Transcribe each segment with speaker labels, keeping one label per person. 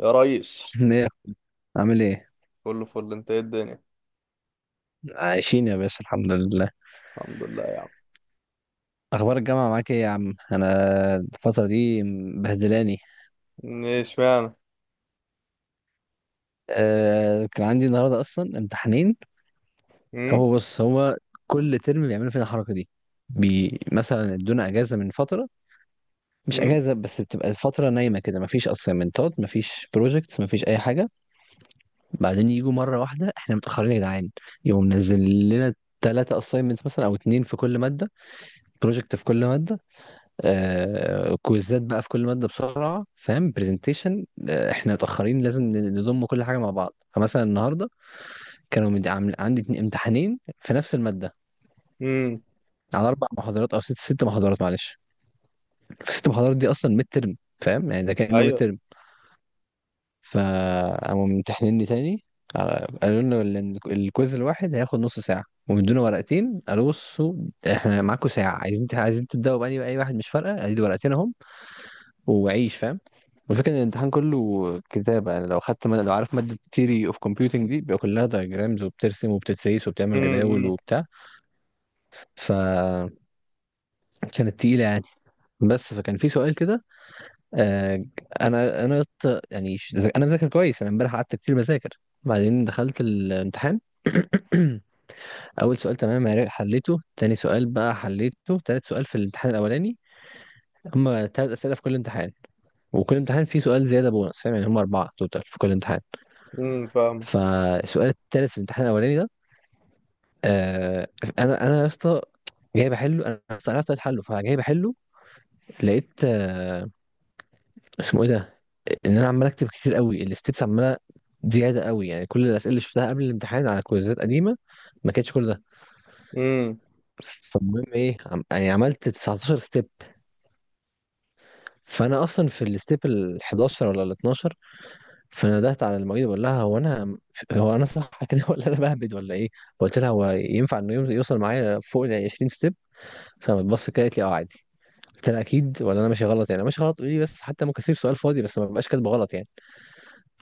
Speaker 1: يا ريس،
Speaker 2: ايه يا أخوي؟ عامل ايه؟
Speaker 1: كله فل، انت ايه الدنيا؟
Speaker 2: عايشين يا باشا، الحمد لله.
Speaker 1: الحمد لله يا عم.
Speaker 2: اخبار الجامعه معاك ايه يا عم؟ انا الفتره دي مبهدلاني.
Speaker 1: ايش معنى؟
Speaker 2: كان عندي النهارده اصلا امتحانين.
Speaker 1: امم.
Speaker 2: هو بص، هو كل ترم بيعملوا فينا الحركه دي. مثلا ادونا اجازه من فتره، مش
Speaker 1: امم.
Speaker 2: اجازه بس بتبقى الفتره نايمه كده، مفيش اسايمنتات مفيش بروجكتس مفيش اي حاجه. بعدين يجوا مره واحده احنا متاخرين يا جدعان، يقوم منزل لنا ثلاثة اساينمنتس مثلا او اتنين في كل مادة، بروجكت في كل مادة، كويزات بقى في كل ماده بسرعه، فاهم؟ برزنتيشن، احنا متاخرين، لازم نضم كل حاجه مع بعض. فمثلا النهارده عندي امتحانين في نفس الماده،
Speaker 1: امم.
Speaker 2: على اربع محاضرات او ست محاضرات، معلش. فست محاضرات دي اصلا ميد ترم، فاهم يعني؟ ده كانه ميد
Speaker 1: ايوه.
Speaker 2: ترم. فقاموا ممتحنيني تاني. قالوا لنا الكويز الواحد هياخد نص ساعه، ومدونا ورقتين، قالوا بصوا احنا معاكم ساعه، عايزين تبداوا بأي اي واحد مش فارقه، ادي ورقتين اهم وعيش، فاهم؟ الفكرة ان الامتحان كله كتابة، يعني لو خدت مادة، لو عارف مادة theory of computing دي بيبقى كلها diagrams وبترسم وبتتسيس وبتعمل جداول
Speaker 1: امم.
Speaker 2: وبتاع. فكانت تقيلة يعني، بس فكان في سؤال كده. آه، انا يا اسطى، يعني انا مذاكر كويس، انا امبارح قعدت كتير بذاكر. بعدين دخلت الامتحان. اول سؤال تمام، حليته، تاني سؤال بقى حليته، تالت سؤال في الامتحان الاولاني. هما تلات اسئلة في كل امتحان، وكل امتحان فيه سؤال زيادة بونص، فاهم يعني؟ هما أربعة توتال في كل امتحان.
Speaker 1: امم. فاهم.
Speaker 2: فالسؤال التالت في الامتحان الاولاني ده، آه انا يا اسطى، جاي بحله، انا أصلاً عرفت طريقة حله فجاي بحله. لقيت اسمه ايه ده، ان انا عمال اكتب كتير قوي، الستبس عماله زياده قوي، يعني كل الاسئله اللي شفتها قبل الامتحان على كويزات قديمه ما كانتش كل ده.
Speaker 1: امم.
Speaker 2: فالمهم ايه يعني عملت 19 ستيب، فانا اصلا في الستيب ال 11 ولا ال 12. فندهت على المعيده بقول لها هو انا، هو انا صح كده ولا انا بهبد ولا ايه؟ قلت لها هو ينفع انه يوصل معايا فوق ال 20 ستيب؟ فبتبص كده قالت لي اه عادي. قلت لها اكيد ولا انا ماشي غلط؟ يعني أنا ماشي غلط قولي لي بس، حتى ممكن اسيب سؤال فاضي بس ما ببقاش كاتبه غلط يعني.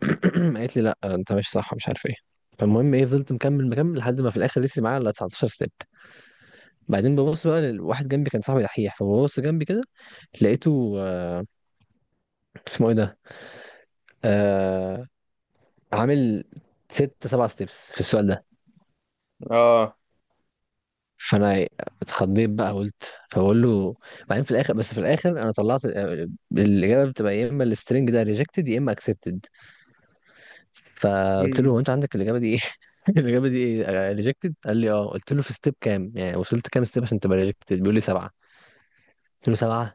Speaker 2: قالت لي لا انت ماشي صح مش عارف ايه. فالمهم ايه فضلت مكمل مكمل لحد ما في الاخر لسه معايا الا 19 ستيب. بعدين ببص بقى لواحد جنبي كان صاحبي دحيح، فببص جنبي كده، لقيته اسمه ايه ده، آه عامل ست سبع ستيبس في السؤال ده.
Speaker 1: اه.
Speaker 2: فانا اتخضيت بقى قلت فبقول له. بعدين في الاخر، بس في الاخر انا طلعت، الاجابه بتبقى يا اما السترنج ده ريجكتد يا اما اكسبتد. فقلت له
Speaker 1: مم.
Speaker 2: هو انت عندك الاجابه دي ايه؟ الاجابه دي ايه؟ ريجكتد، قال لي اه. قلت له في ستيب كام؟ يعني وصلت كام ستيب عشان تبقى ريجكتد؟ بيقول لي سبعه. قلت له سبعه!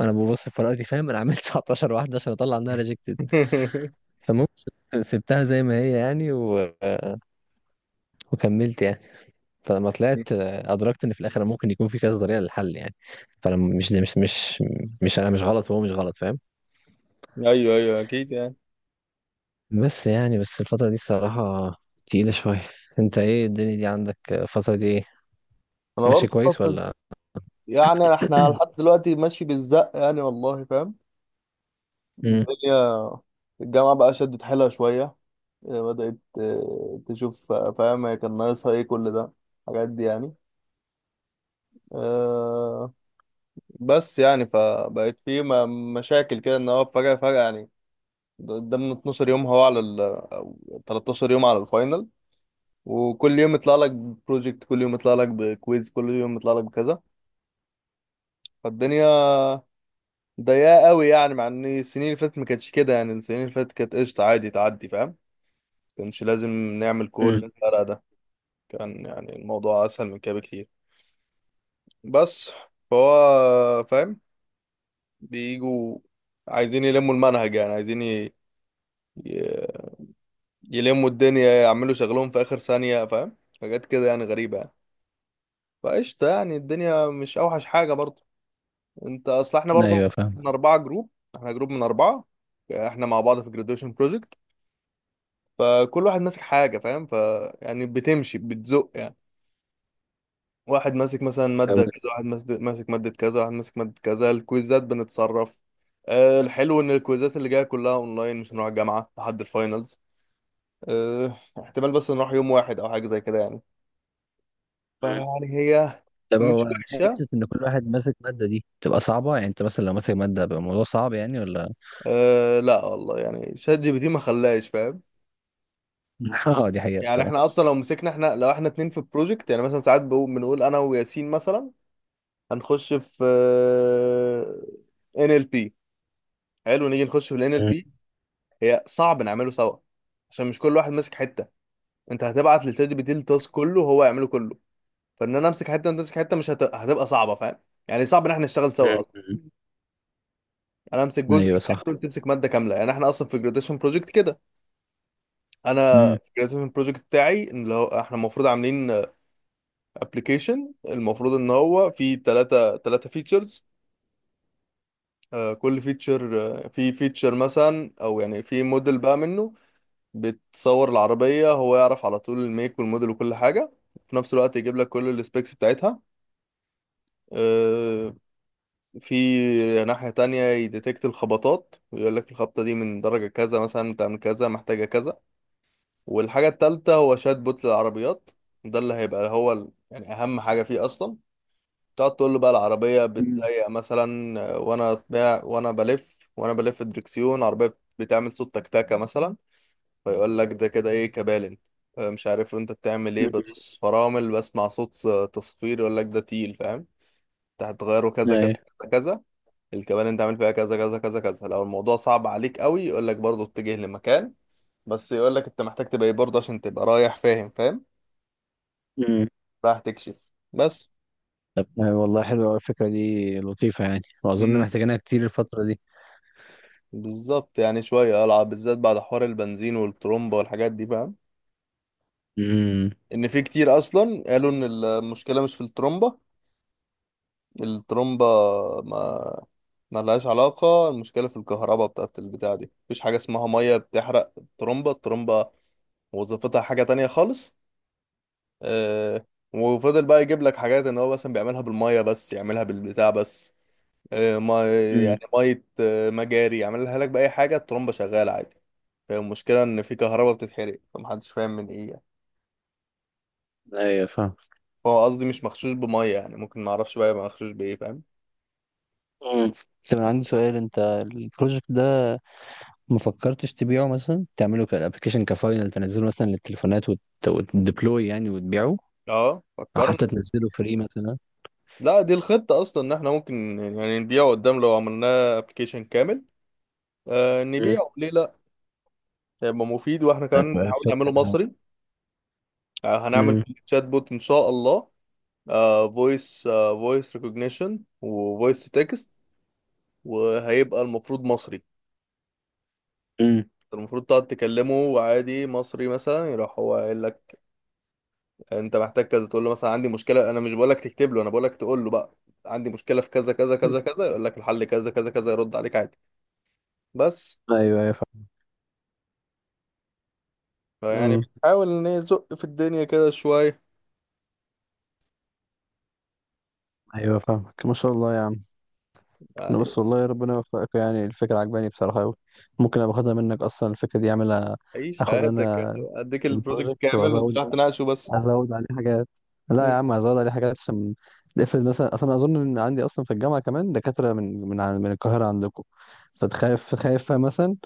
Speaker 2: انا ببص في ورقتي فاهم، انا عملت 19 واحده عشان اطلع منها ريجكتد. فالمهم سبتها زي ما هي يعني وكملت يعني. فلما طلعت، ادركت ان في الاخر ممكن يكون في كذا طريقه للحل يعني. فانا مش مش مش مش انا مش غلط وهو مش غلط، فاهم؟
Speaker 1: ايوه، ايوه، اكيد يعني.
Speaker 2: بس يعني بس الفتره دي الصراحه تقيله شويه. انت ايه الدنيا دي عندك؟ الفتره دي ايه؟
Speaker 1: انا
Speaker 2: ماشي
Speaker 1: برضه
Speaker 2: كويس
Speaker 1: الفترة دي-
Speaker 2: ولا؟
Speaker 1: يعني احنا لحد دلوقتي ماشي بالزق يعني، والله فاهم.
Speaker 2: امم.
Speaker 1: الدنيا. الجامعه بقى شدت حيلها شويه. بدات تشوف، فاهم، هي كان ناقصها ايه كل ده، الحاجات دي يعني. آه، بس يعني فبقت في مشاكل كده، ان هو فجأة فجأة يعني، قدامنا 12 يوم، هو على ال أو 13 يوم على الفاينل. وكل يوم يطلع لك بروجكت، كل يوم يطلع لك بكويز، كل يوم يطلع لك بكذا، فالدنيا ضيقة قوي يعني، مع ان السنين اللي فاتت ما كانتش كده، يعني السنين اللي فاتت كانت قشطة، عادي تعدي، فاهم، كانش لازم نعمل كل
Speaker 2: امم.
Speaker 1: الفرق ده، كان يعني الموضوع اسهل من كده بكتير، بس فهو فاهم، بيجوا عايزين يلموا المنهج، يعني عايزين ي... يلموا الدنيا، يعملوا شغلهم في اخر ثانية، فاهم حاجات كده يعني غريبة يعني. فقشطة يعني، الدنيا مش اوحش حاجة برضو. انت اصل احنا برضو،
Speaker 2: ايوه
Speaker 1: احنا
Speaker 2: فاهم.
Speaker 1: اربعة جروب، احنا جروب من اربعة، احنا مع بعض في جراديويشن بروجكت، فكل واحد ماسك حاجة، فاهم، يعني بتمشي بتزق يعني، واحد ماسك مثلا
Speaker 2: طب.
Speaker 1: مادة كذا، واحد ماسك مادة كذا، واحد ماسك مادة كذا، الكويزات بنتصرف. الحلو ان الكويزات اللي جاية كلها اونلاين، مش هنروح الجامعة لحد الفاينلز، احتمال بس نروح يوم واحد او حاجة زي كده يعني.
Speaker 2: مم.
Speaker 1: فيعني هي
Speaker 2: طب
Speaker 1: مش
Speaker 2: هو
Speaker 1: وحشه.
Speaker 2: حته ان كل واحد ماسك ماده دي تبقى صعبه يعني، انت مثلا لو ماسك ماده بيبقى الموضوع صعب يعني ولا؟
Speaker 1: أه، لا والله يعني، شات جي بي تي ما خلاش فاهم.
Speaker 2: مم. اه دي حقيقه
Speaker 1: يعني احنا
Speaker 2: الصراحه.
Speaker 1: اصلا لو احنا اتنين في بروجكت يعني، مثلا ساعات بنقول انا وياسين مثلا، هنخش في NLP، حلو نيجي نخش في الان ال بي،
Speaker 2: مم.
Speaker 1: هي صعب نعمله سوا، عشان مش كل واحد ماسك حته، انت هتبعت للشات جي بي تي التاسك كله وهو يعمله كله، فان انا امسك حته وانت تمسك حته، مش هتبقى صعبه، فاهم. يعني صعب ان احنا نشتغل سوا اصلا،
Speaker 2: مم.
Speaker 1: يعني انا امسك جزء
Speaker 2: ايوه
Speaker 1: كامل
Speaker 2: صح.
Speaker 1: وانت تمسك ماده كامله، يعني احنا اصلا في جراديشن بروجكت كده. انا
Speaker 2: امم.
Speaker 1: في الجراتيفيشن بروجكت بتاعي، ان اللي هو احنا المفروض عاملين ابلكيشن، المفروض ان هو فيه ثلاثة فيتشرز، كل فيتشر في فيتشر مثلا، او يعني في موديل بقى منه، بتصور العربية هو يعرف على طول الميك والموديل وكل حاجة، في نفس الوقت يجيب لك كل السبيكس بتاعتها. آه، في ناحية تانية يديتكت الخبطات، ويقول لك الخبطة دي من درجة كذا مثلا بتعمل كذا محتاجة كذا. والحاجة التالتة هو شات بوت للعربيات، ده اللي هيبقى هو يعني أهم حاجة فيه أصلا، تقعد تقول له بقى العربية
Speaker 2: مم.
Speaker 1: بتزيق مثلا، وأنا بلف الدركسيون، العربية بتعمل صوت تكتكة مثلا، فيقول لك ده كده إيه، كبالن، مش عارف أنت بتعمل إيه،
Speaker 2: مم.
Speaker 1: بدوس فرامل بسمع صوت تصفير، يقول لك ده تيل، فاهم، أنت هتغيره كذا كذا
Speaker 2: ايوه.
Speaker 1: كذا كذا، الكبالن أنت عامل فيها كذا كذا كذا كذا، لو الموضوع صعب عليك قوي يقول لك برضه اتجه لمكان، بس يقول لك أنت محتاج تبقى إيه برضه عشان تبقى رايح، فاهم فاهم،
Speaker 2: مم.
Speaker 1: راح تكشف، بس.
Speaker 2: طب والله حلوه أوي الفكره دي، لطيفه يعني، واظن
Speaker 1: امم.
Speaker 2: محتاجينها كتير الفتره دي.
Speaker 1: بالظبط يعني، شوية ألعب بالذات بعد حوار البنزين والترومبا والحاجات دي، فاهم،
Speaker 2: امم.
Speaker 1: إن في كتير أصلا قالوا إن المشكلة مش في الترومبا. الترومبا ما ما لهاش علاقة، المشكلة في الكهرباء بتاعت البتاع دي، مفيش حاجة اسمها مية بتحرق الترومبا. الترومبا وظيفتها حاجة تانية خالص. آه وفضل بقى يجيب لك حاجات إن هو مثلا بيعملها بالمية، بس يعملها بالبتاع بس، ما
Speaker 2: مم.
Speaker 1: يعني مية، مجاري يعملها لك بأي حاجة، الترومبا شغالة عادي، هي المشكلة إن في كهرباء بتتحرق، فمحدش فاهم من إيه يعني،
Speaker 2: ايوه فاهم.
Speaker 1: هو قصدي مش مغشوش بمية يعني، ممكن معرفش بقى يبقى مغشوش بإيه، فاهم.
Speaker 2: مم. طب انا عندي سؤال، انت البروجكت ده ما فكرتش تبيعه؟ مثلا تعمله كابلكيشن كفاينل تنزله مثلا للتليفونات وتديبلوي يعني وتبيعه،
Speaker 1: اه،
Speaker 2: او حتى
Speaker 1: فكرنا.
Speaker 2: تنزله فري مثلا.
Speaker 1: لا، دي الخطة أصلا إن إحنا ممكن يعني نبيعه قدام لو عملناه أبلكيشن كامل.
Speaker 2: مم.
Speaker 1: نبيعه ليه لأ، هيبقى مفيد، وإحنا كمان
Speaker 2: هتبقى
Speaker 1: نحاول نعمله
Speaker 2: فكرة طبعا.
Speaker 1: مصري. هنعمل
Speaker 2: امم.
Speaker 1: شات بوت إن شاء الله، فويس ريكوجنيشن وفويس تو تكست، وهيبقى المفروض مصري.
Speaker 2: مم.
Speaker 1: المفروض تقعد تكلمه وعادي مصري مثلا، يروح هو قايل لك انت محتاج كذا، تقول له مثلا عندي مشكله، انا مش بقول لك تكتب له، انا بقول لك تقول له بقى عندي مشكله في كذا كذا كذا كذا، يقول لك الحل كذا كذا كذا، يرد عليك عادي، بس.
Speaker 2: ايوه ايوه فاهم.
Speaker 1: فيعني
Speaker 2: امم.
Speaker 1: بنحاول نزق في الدنيا كده شويه.
Speaker 2: ايوه فاهمك ما شاء الله يا عم. انا
Speaker 1: يعني
Speaker 2: بس والله ربنا يوفقك، يعني الفكرة عجباني بصراحة قوي. ممكن ابقى اخدها منك اصلا الفكرة دي اعملها؟
Speaker 1: عيش
Speaker 2: اخد
Speaker 1: حياتك يا
Speaker 2: انا
Speaker 1: اخي. اديك البروجكت
Speaker 2: البروجكت
Speaker 1: كامل
Speaker 2: وازود،
Speaker 1: وتروح تناقشه بس.
Speaker 2: ازود عليه حاجات. لا يا
Speaker 1: مم.
Speaker 2: عم ازود عليه حاجات عشان نقفل، مثلا اصلا اظن ان عندي اصلا في الجامعه كمان دكاتره من من القاهره عندكم، فتخاف خايف مثلا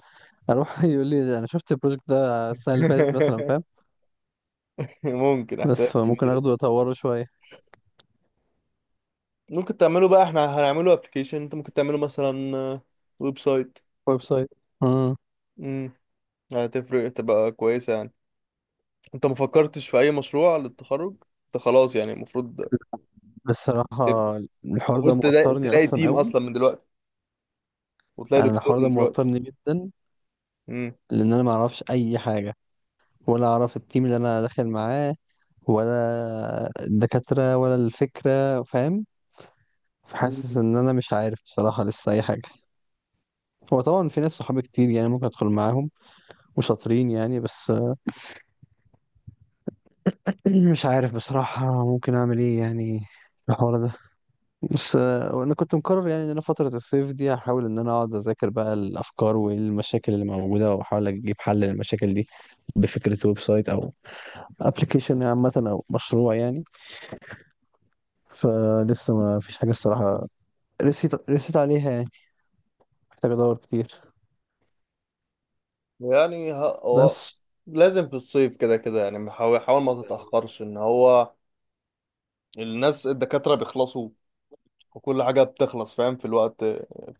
Speaker 2: اروح يقول لي انا شفت البروجكت ده السنه اللي فاتت مثلا، فاهم؟
Speaker 1: ممكن احتاج
Speaker 2: بس
Speaker 1: كبير
Speaker 2: فممكن
Speaker 1: يعني.
Speaker 2: اخده واطوره شويه،
Speaker 1: ممكن تعمله بقى، احنا هنعمله ابلكيشن، انت ممكن تعمله مثلا ويب سايت.
Speaker 2: ويب سايت. امم.
Speaker 1: امم. هتفرق تبقى كويسه يعني. انت ما فكرتش في اي مشروع للتخرج؟ انت خلاص يعني، المفروض
Speaker 2: بصراحه الحوار ده
Speaker 1: المفروض تلاقي
Speaker 2: موترني
Speaker 1: تلاقي
Speaker 2: اصلا
Speaker 1: تيم
Speaker 2: قوي.
Speaker 1: اصلا من دلوقتي، وتلاقي
Speaker 2: انا
Speaker 1: دكتور
Speaker 2: الحوار ده
Speaker 1: من دلوقتي.
Speaker 2: موترني جدا،
Speaker 1: امم.
Speaker 2: لان انا ما اعرفش اي حاجه، ولا اعرف التيم اللي انا داخل معاه، ولا الدكاتره ولا الفكره، فاهم؟ حاسس
Speaker 1: مم.
Speaker 2: ان انا مش عارف بصراحه لسه اي حاجه. هو طبعا في ناس صحابي كتير يعني ممكن ادخل معاهم وشاطرين يعني، بس مش عارف بصراحه ممكن اعمل ايه يعني في الحوار ده. بس انا كنت مقرر يعني ان انا فتره الصيف دي هحاول ان انا اقعد اذاكر بقى الافكار والمشاكل اللي موجوده، واحاول اجيب حل للمشاكل دي، بفكره ويب سايت او ابلكيشن عامه او مشروع يعني. فلسه ما فيش حاجه الصراحه رسيت عليها يعني. محتاج ادور كتير.
Speaker 1: يعني هو
Speaker 2: بس.
Speaker 1: لازم في الصيف كده كده يعني، حاول حاول ما تتأخرش، ان هو الناس الدكاترة بيخلصوا، وكل حاجة بتخلص، فاهم، في الوقت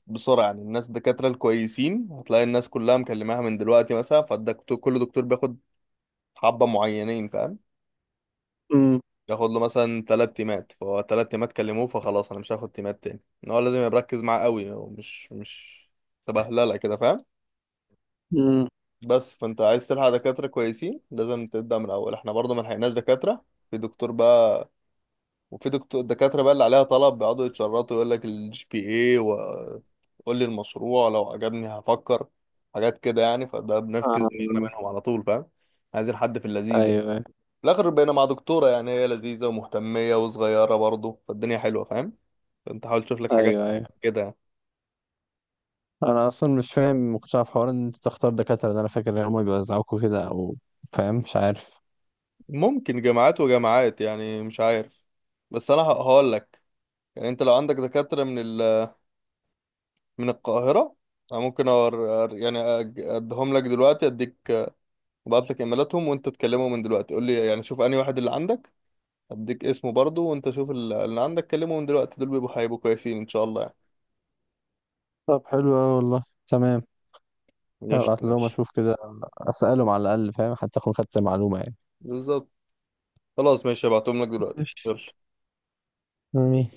Speaker 1: بسرعة يعني، الناس الدكاترة الكويسين هتلاقي الناس كلها مكلماها من دلوقتي مثلا، فالدكتور كل دكتور بياخد حبة معينين، فاهم، ياخد له مثلا تلات تيمات، فهو تلات تيمات كلموه فخلاص انا مش هاخد تيمات تاني، ان هو لازم يركز معاه قوي، هو مش سبهلله كده، فاهم. بس فانت عايز تلحق دكاترة كويسين، لازم تبدأ من الأول، احنا برضه ما لحقناش دكاترة، في دكتور بقى، وفي دكتور دكاترة بقى اللي عليها طلب بيقعدوا يتشرطوا، يقول لك الجي بي اي، وقول لي المشروع لو عجبني هفكر، حاجات كده يعني، فده بنفكس دماغنا
Speaker 2: امم.
Speaker 1: منهم على طول، فاهم، عايزين حد في اللذيذ يعني.
Speaker 2: ايوه ايوه.
Speaker 1: في الآخر بقينا مع دكتورة يعني، هي لذيذة ومهتمية وصغيرة برضه، فالدنيا حلوة، فاهم، فانت حاول تشوف لك
Speaker 2: ايوه
Speaker 1: حاجات
Speaker 2: ايوه.
Speaker 1: كده يعني.
Speaker 2: انا اصلا مش فاهم مقتنع في حوار ان انت تختار دكاتره ده، انا فاكر ان هم بيوزعوكوا كده او، فاهم؟ مش عارف.
Speaker 1: ممكن جامعات وجامعات يعني، مش عارف، بس انا هقول لك يعني، انت لو عندك دكاترة من القاهرة، انا ممكن أور... أر- يعني أج- اديهم لك دلوقتي اديك، ابعت لك ايميلاتهم، وانت تكلمه من دلوقتي، قول لي يعني شوف انهي واحد اللي عندك، اديك اسمه برضه، وانت شوف اللي عندك كلمه من دلوقتي، دول هيبقوا كويسين ان شاء الله.
Speaker 2: طب حلو اوي والله. تمام.
Speaker 1: يعني قشطة،
Speaker 2: هبعت لهم
Speaker 1: ماشي.
Speaker 2: اشوف كده، اسالهم على الاقل فاهم، حتى اكون خدت معلومه يعني.
Speaker 1: بالظبط، خلاص، ماشي، هبعتهم لك دلوقتي،
Speaker 2: ماشي.
Speaker 1: يلا.
Speaker 2: امين.